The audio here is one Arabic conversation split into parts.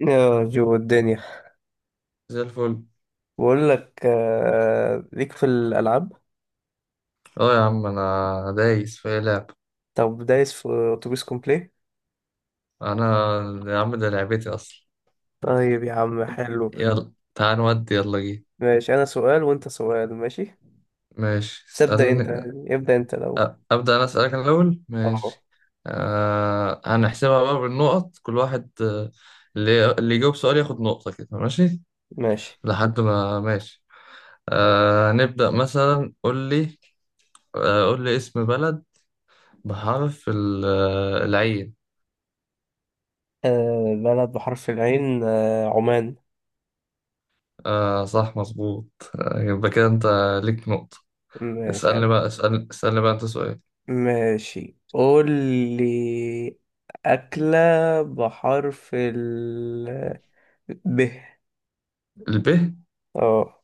يا جو الدنيا. زي الفل. بقول لك ليك في الألعاب. اه يا عم انا دايس في أي لعب. طب دايس في أتوبيس كومبلي. انا يا عم ده لعبتي اصلا. طيب يا عم، حلو. يلا تعال نودي يلا جي. ماشي، أنا سؤال وأنت سؤال، ماشي. ماشي بس ابدأ أنت. اسألني. ابدأ أنت الأول. ابدأ انا اسألك أنا الاول أه. ماشي. هنحسبها بقى بالنقط كل واحد، اللي يجاوب سؤال ياخد نقطة كده ماشي. ماشي. لحد ما ماشي. نبدأ مثلا قول لي، قول لي اسم بلد بحرف العين. أه بلد بحرف العين، عمان. آه صح مظبوط. يبقى كده انت ليك نقطة. ماشي اسألني أنا. بقى، اسألني اسألني بقى انت سؤال. ماشي، قول لي أكلة بحرف ال ب. الب؟ اه.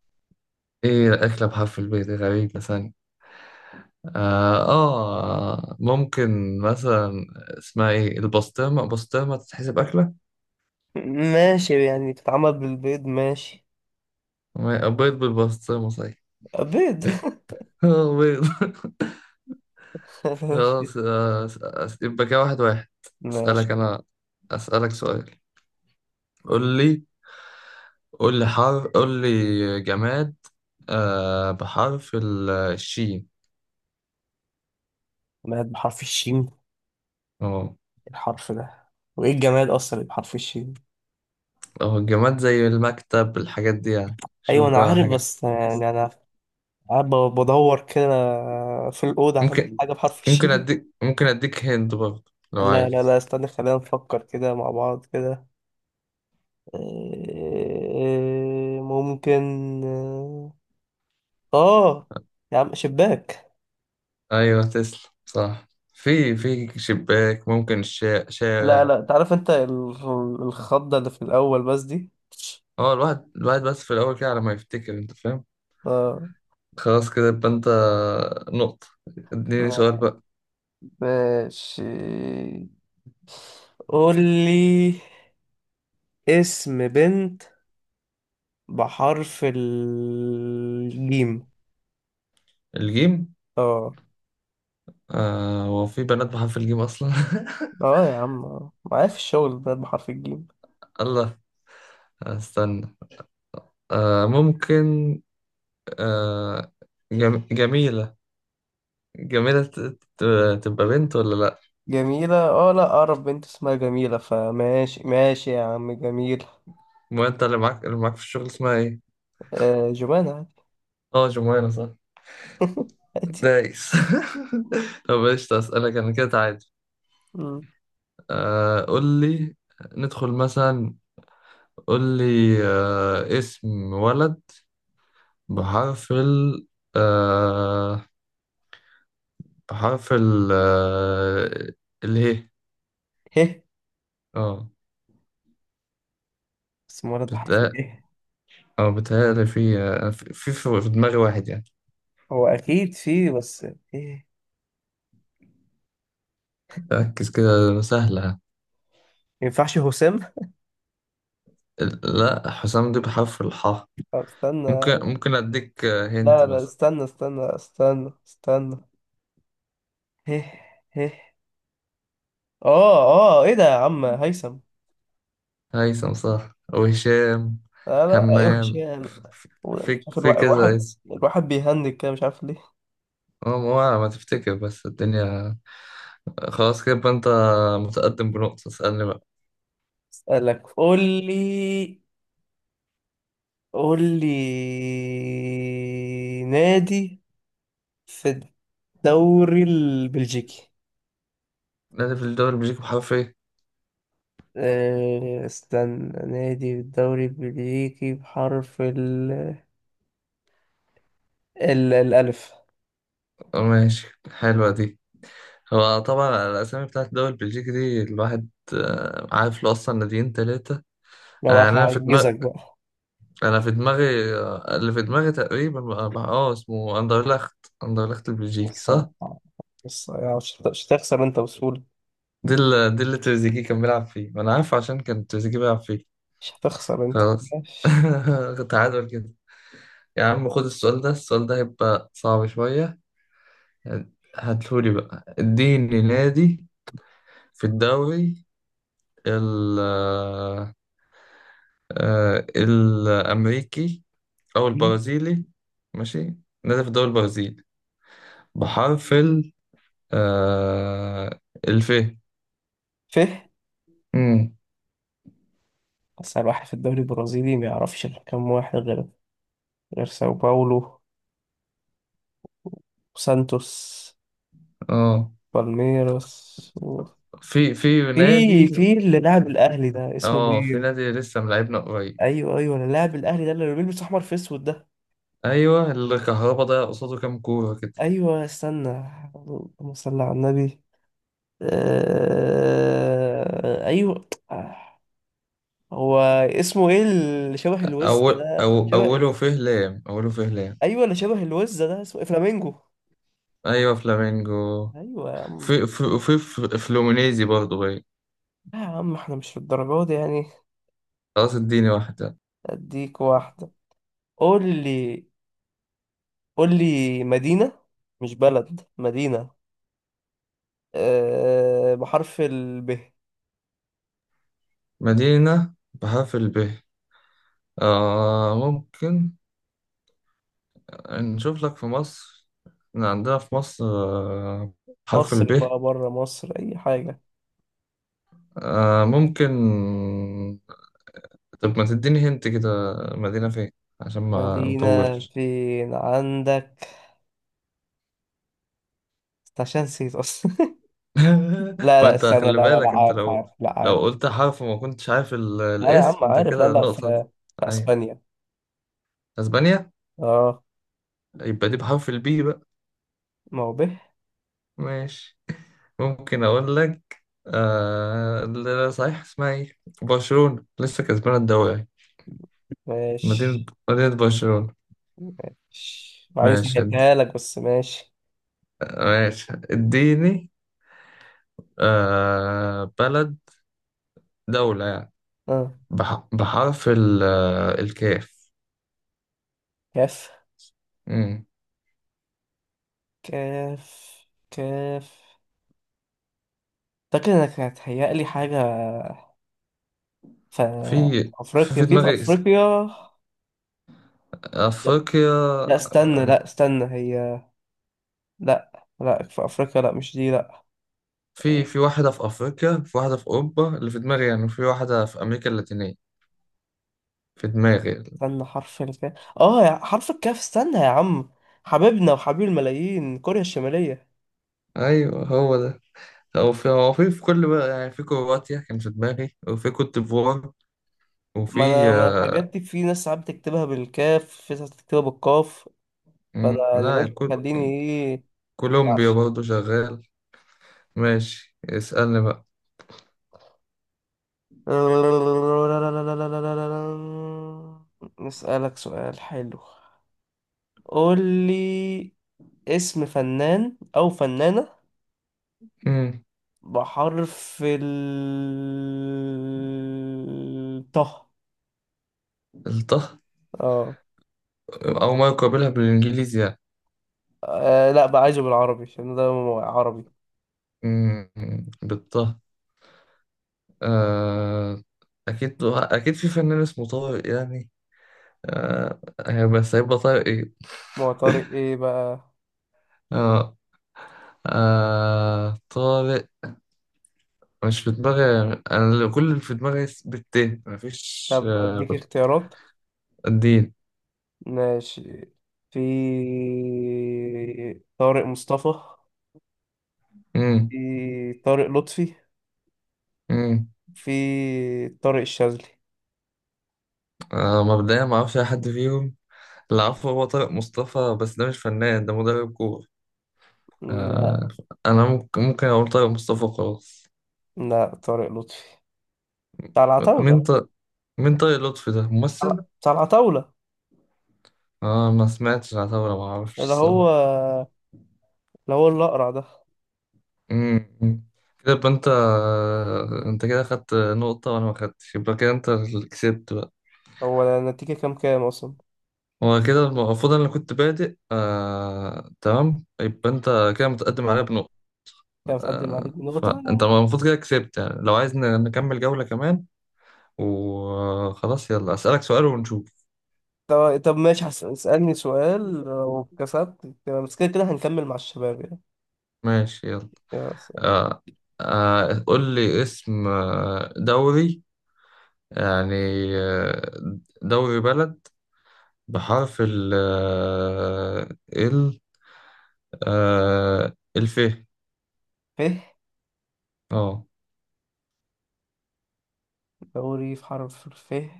ايه أكلة بحرف الب دي غريبة ثانية. ممكن مثلا اسمها ايه البسطرمة، بسطرمة تتحسب أكلة. ماشي، يعني بتتعمل بالبيض، ماشي. بيض بالبسطرمة صحيح. بيض. بيض. ماشي. خلاص يبقى كده واحد واحد. ماشي. اسألك انا، اسألك سؤال. قول لي، قول لي حرف، قول لي جماد بحرف الشين. جماد بحرف الشين إيه اه الحرف ده؟ وايه الجماد اصلا اللي بحرف الشين؟ اهو الجماد زي المكتب الحاجات دي يعني، ايوه شوف انا بقى عارف، حاجة. بس يعني انا قاعد بدور كده في الاوضه عندي ممكن حاجه بحرف ممكن الشين. اديك ممكن اديك هند برضه لو لا لا لا، عايز. استنى، خلينا نفكر كده مع بعض كده. إيه، ممكن اه يا عم، شباك. ايوه تسلم صح. في شباك، ممكن لا شارع. لا، تعرف انت الخضه اللي في الاول بس دي. اه الواحد الواحد بس في الاول كده على ما يفتكر انت فاهم. اه. خلاص كده يبقى انت نقطة. اديني سؤال بقى. ماشي، قول لي اسم بنت بحرف الجيم. الجيم؟ اه آه هو في بنات بحرف الجيم اصلا؟ اه يا عم، آه. معايا في الشغل بنت بحرف الجيم. الله، استنى. آه ممكن، آه جميلة، جميلة ت... تبقى بنت ولا لا؟ جميلة؟ اه، لا اعرف بنت اسمها جميلة، فماشي ماشي يا عم، جميل. ما انت اللي معاك، اللي معاك في الشغل اسمها ايه؟ آه، جمانة، عادي. اه جمانة صح. عادي. دايس. طب ايش اسالك انا كده عادي. مم. قول لي، ندخل مثلا، قول لي اسم ولد بحرف ال آه بحرف ال آه اللي هي. هه؟ اه اسم ولد بحرف بتقل. اله؟ اه بتهيألي في في دماغي واحد يعني. هو اكيد فيه، بس ايه؟ ركز كده سهلة. ما ينفعش هشام؟ لا حسام دي بحرف الحاء. طب ممكن استنى. ممكن اديك هنت لا لا، مثلا. استنى استنى استنى استنى. هه هه اه اه ايه ده يا عم، هيثم! هيثم صح، وهشام، لا لا، وحش همام، يعني، مش في عارف. في الواحد كذا الواحد اسم. الواحد بيهنج كده، مش عارف ليه. هو هو ما تفتكر بس الدنيا. خلاص كده يبقى انت متقدم بنقطة. اسألني بقى. اسألك. قول لي قول لي نادي في الدوري البلجيكي. نادي في الدوري البلجيكي بحرف ايه؟ استنى، نادي في الدوري البلجيكي بحرف الألف. اه ماشي حلوة دي. هو طبعا الأسامي بتاعت الدوري البلجيكي دي الواحد عارف له أصلا ناديين تلاتة. لو يعني هعجزك بقى. أنا في دماغي، اللي في دماغي تقريبا اسمه أندرلخت. أندرلخت البلجيكي بص صح؟ بص، مش هتخسر انت بسهولة. دي اللي تريزيجيه كان بيلعب فيه، ما انا عارف عشان كان تريزيجيه بيلعب فيه. مش هتخسر انت. خلاص. تعادل كده. يا عم خد السؤال ده، السؤال ده هيبقى صعب شوية يعني. هاتهولي بقى، اديني نادي في الدوري ال آه، الأمريكي أو ماشي. البرازيلي. ماشي. نادي في الدوري البرازيلي بحرف ال آه، الف. ف امم أسهل واحد في الدوري البرازيلي ما يعرفش إلا كام واحد، غير ساو باولو وسانتوس، اه بالميراس في في نادي. في اللي لاعب الأهلي ده اسمه اه في مين؟ نادي لسه ملاعبنا قريب. أيوه أيوه، اللي لاعب الأهلي ده اللي بيلبس أحمر في أسود ده. ايوه الكهرباء ده قصاده كام كوره كده. أيوه، استنى. اللهم صل على النبي. أيوه هو اسمه إيه اللي شبه الوز اول ده، أو شبه؟ اوله فيه لام، اوله فيه لام. أيوه، اللي شبه الوز ده اسمه إيه؟ فلامينجو! ايوه فلامينجو. أيوه يا عم. فلومينيزي برضه باين. لا يا عم، احنا مش في الدرجات دي يعني. خلاص اديني واحده. اديك واحدة. قول لي قول لي مدينة، مش بلد، مدينة. بحرف الب. مدينه بحرف الب؟ آه ممكن نشوف لك في مصر. إحنا عندنا في مصر حرف مصر الب. بقى بره مصر أي حاجة. آه ممكن، طب ما تديني هنت كده مدينه فين عشان ما مدينة نطولش. فين عندك؟ عشان نسيت أصلا. لا لا، وانت استنى، خلي لا لا، لا بالك انت عارف، لو، عارف، لا لو عارف. قلت حرف وما كنتش عارف لا لا يا عم، الاسم انت عارف. لا كده لا، في, النقطة دي. في ايوه أسبانيا. اسبانيا. اه. يبقى دي بحرف البي بقى. ما هو به. ماشي. ممكن اقول لك لا، صحيح اسمها ايه برشلونة لسه كسبانة الدوري. مدينة، ماشي. مدينة برشلونة. وبعدين ماشي سهلتها لك بس، ماشي. ماشي اديني بلد، دولة يعني، اه. بحرف الكاف. كاف. مم. كاف. كاف. أعتقد إنك هتهيألي حاجة في في في أفريقيا، في في دماغي اسم، أفريقيا. لا, أفريقيا. لا، استنى، لا، استنى هي. لا لا، في أفريقيا، لا، مش دي، لا. في واحدة في أفريقيا، في واحدة في أوروبا اللي في دماغي يعني، في واحدة في أمريكا اللاتينية في دماغي. استنى حرف الكاف. حرف الكاف. استنى يا عم. حبيبنا وحبيب الملايين، كوريا الشمالية! أيوه هو ده. هو في كل بقى يعني، في كرواتيا كان في دماغي، وفي كوت ديفوار، ما أنا وفي ما أنا آه، الحاجات دي في ناس ساعات بتكتبها بالكاف، في ناس بتكتبها بالقاف. فأنا مم، يعني لا قلت كوت، خليني إيه. كولومبيا معلش. برضه شغال. ماشي اسألني بقى. نسألك سؤال حلو. قول لي اسم فنان أو فنانة مم. بحرف ال طه. الطه؟ اه. أو ما يقابلها بالإنجليزي يعني. لا بقى، عايزه بالعربي عشان ده عربي. مم. بالطه. آه. أكيد أكيد في فنان اسمه طارق يعني. آه. بس هيبقى طارق إيه؟ ما هو طارق ايه بقى؟ آه، طارق مش في دماغي. انا كل اللي في دماغي بالتاء مفيش طب آه اديك اختيارات. الدين. ماشي، في طارق مصطفى، امم، في طارق لطفي، امم. في طارق الشاذلي. آه مبدئيا ما اعرفش اي حد فيهم. اللي اعرفه هو طارق مصطفى بس ده مش فنان ده مدرب كورة. آه لا انا ممكن، ممكن اقول طارق مصطفى خلاص. لا، طارق لطفي بتاع العتاولة. مين طارق، مين طارق لطفي ده ممثل؟ بتاع العتاولة، اه ما سمعتش عن طارق، ما اعرفش اللي هو الصراحة. اللي هو الأقرع ده. أمم. كده يبقى انت انت كده خدت نقطة وانا ما خدتش، يبقى كده انت اللي كسبت. هو النتيجة كام كام أصلا؟ هو كده المفروض انا اللي كنت بادئ تمام، يبقى انت كده متقدم عليا بنقطة. كان متقدم عليك بنقطة. فانت المفروض كده كسبت يعني. لو عايز نكمل جولة كمان وخلاص يلا، اسألك سؤال ونشوف. طب طب ماشي، اسألني سؤال، لو كسبت تمام، بس كده كده هنكمل مع الشباب يعني. ماشي يلا. يا س- آه، قول لي اسم دوري يعني، آه، دوري بلد بحرف ال آه، ال آه، الف. فه. اه. دوري في حرف الفه.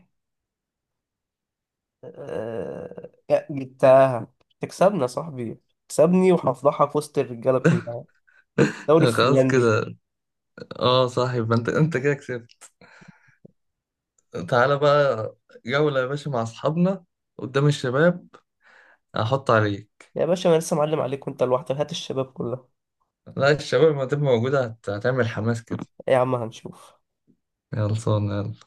جبتها! تكسبنا يا صاحبي، تكسبني وهفضحك في وسط الرجالة كلها. دوري خلاص فنلندي! كده. اه صح، يبقى انت انت كده كسبت. تعالى بقى جولة يا باشا مع أصحابنا قدام الشباب. هحط عليك. يا باشا، أنا لسه معلم عليك وأنت لوحدك، هات الشباب كلها. لا الشباب ما تبقى موجودة هتعمل حماس كده. يا عم هنشوف. يلا صون يلا.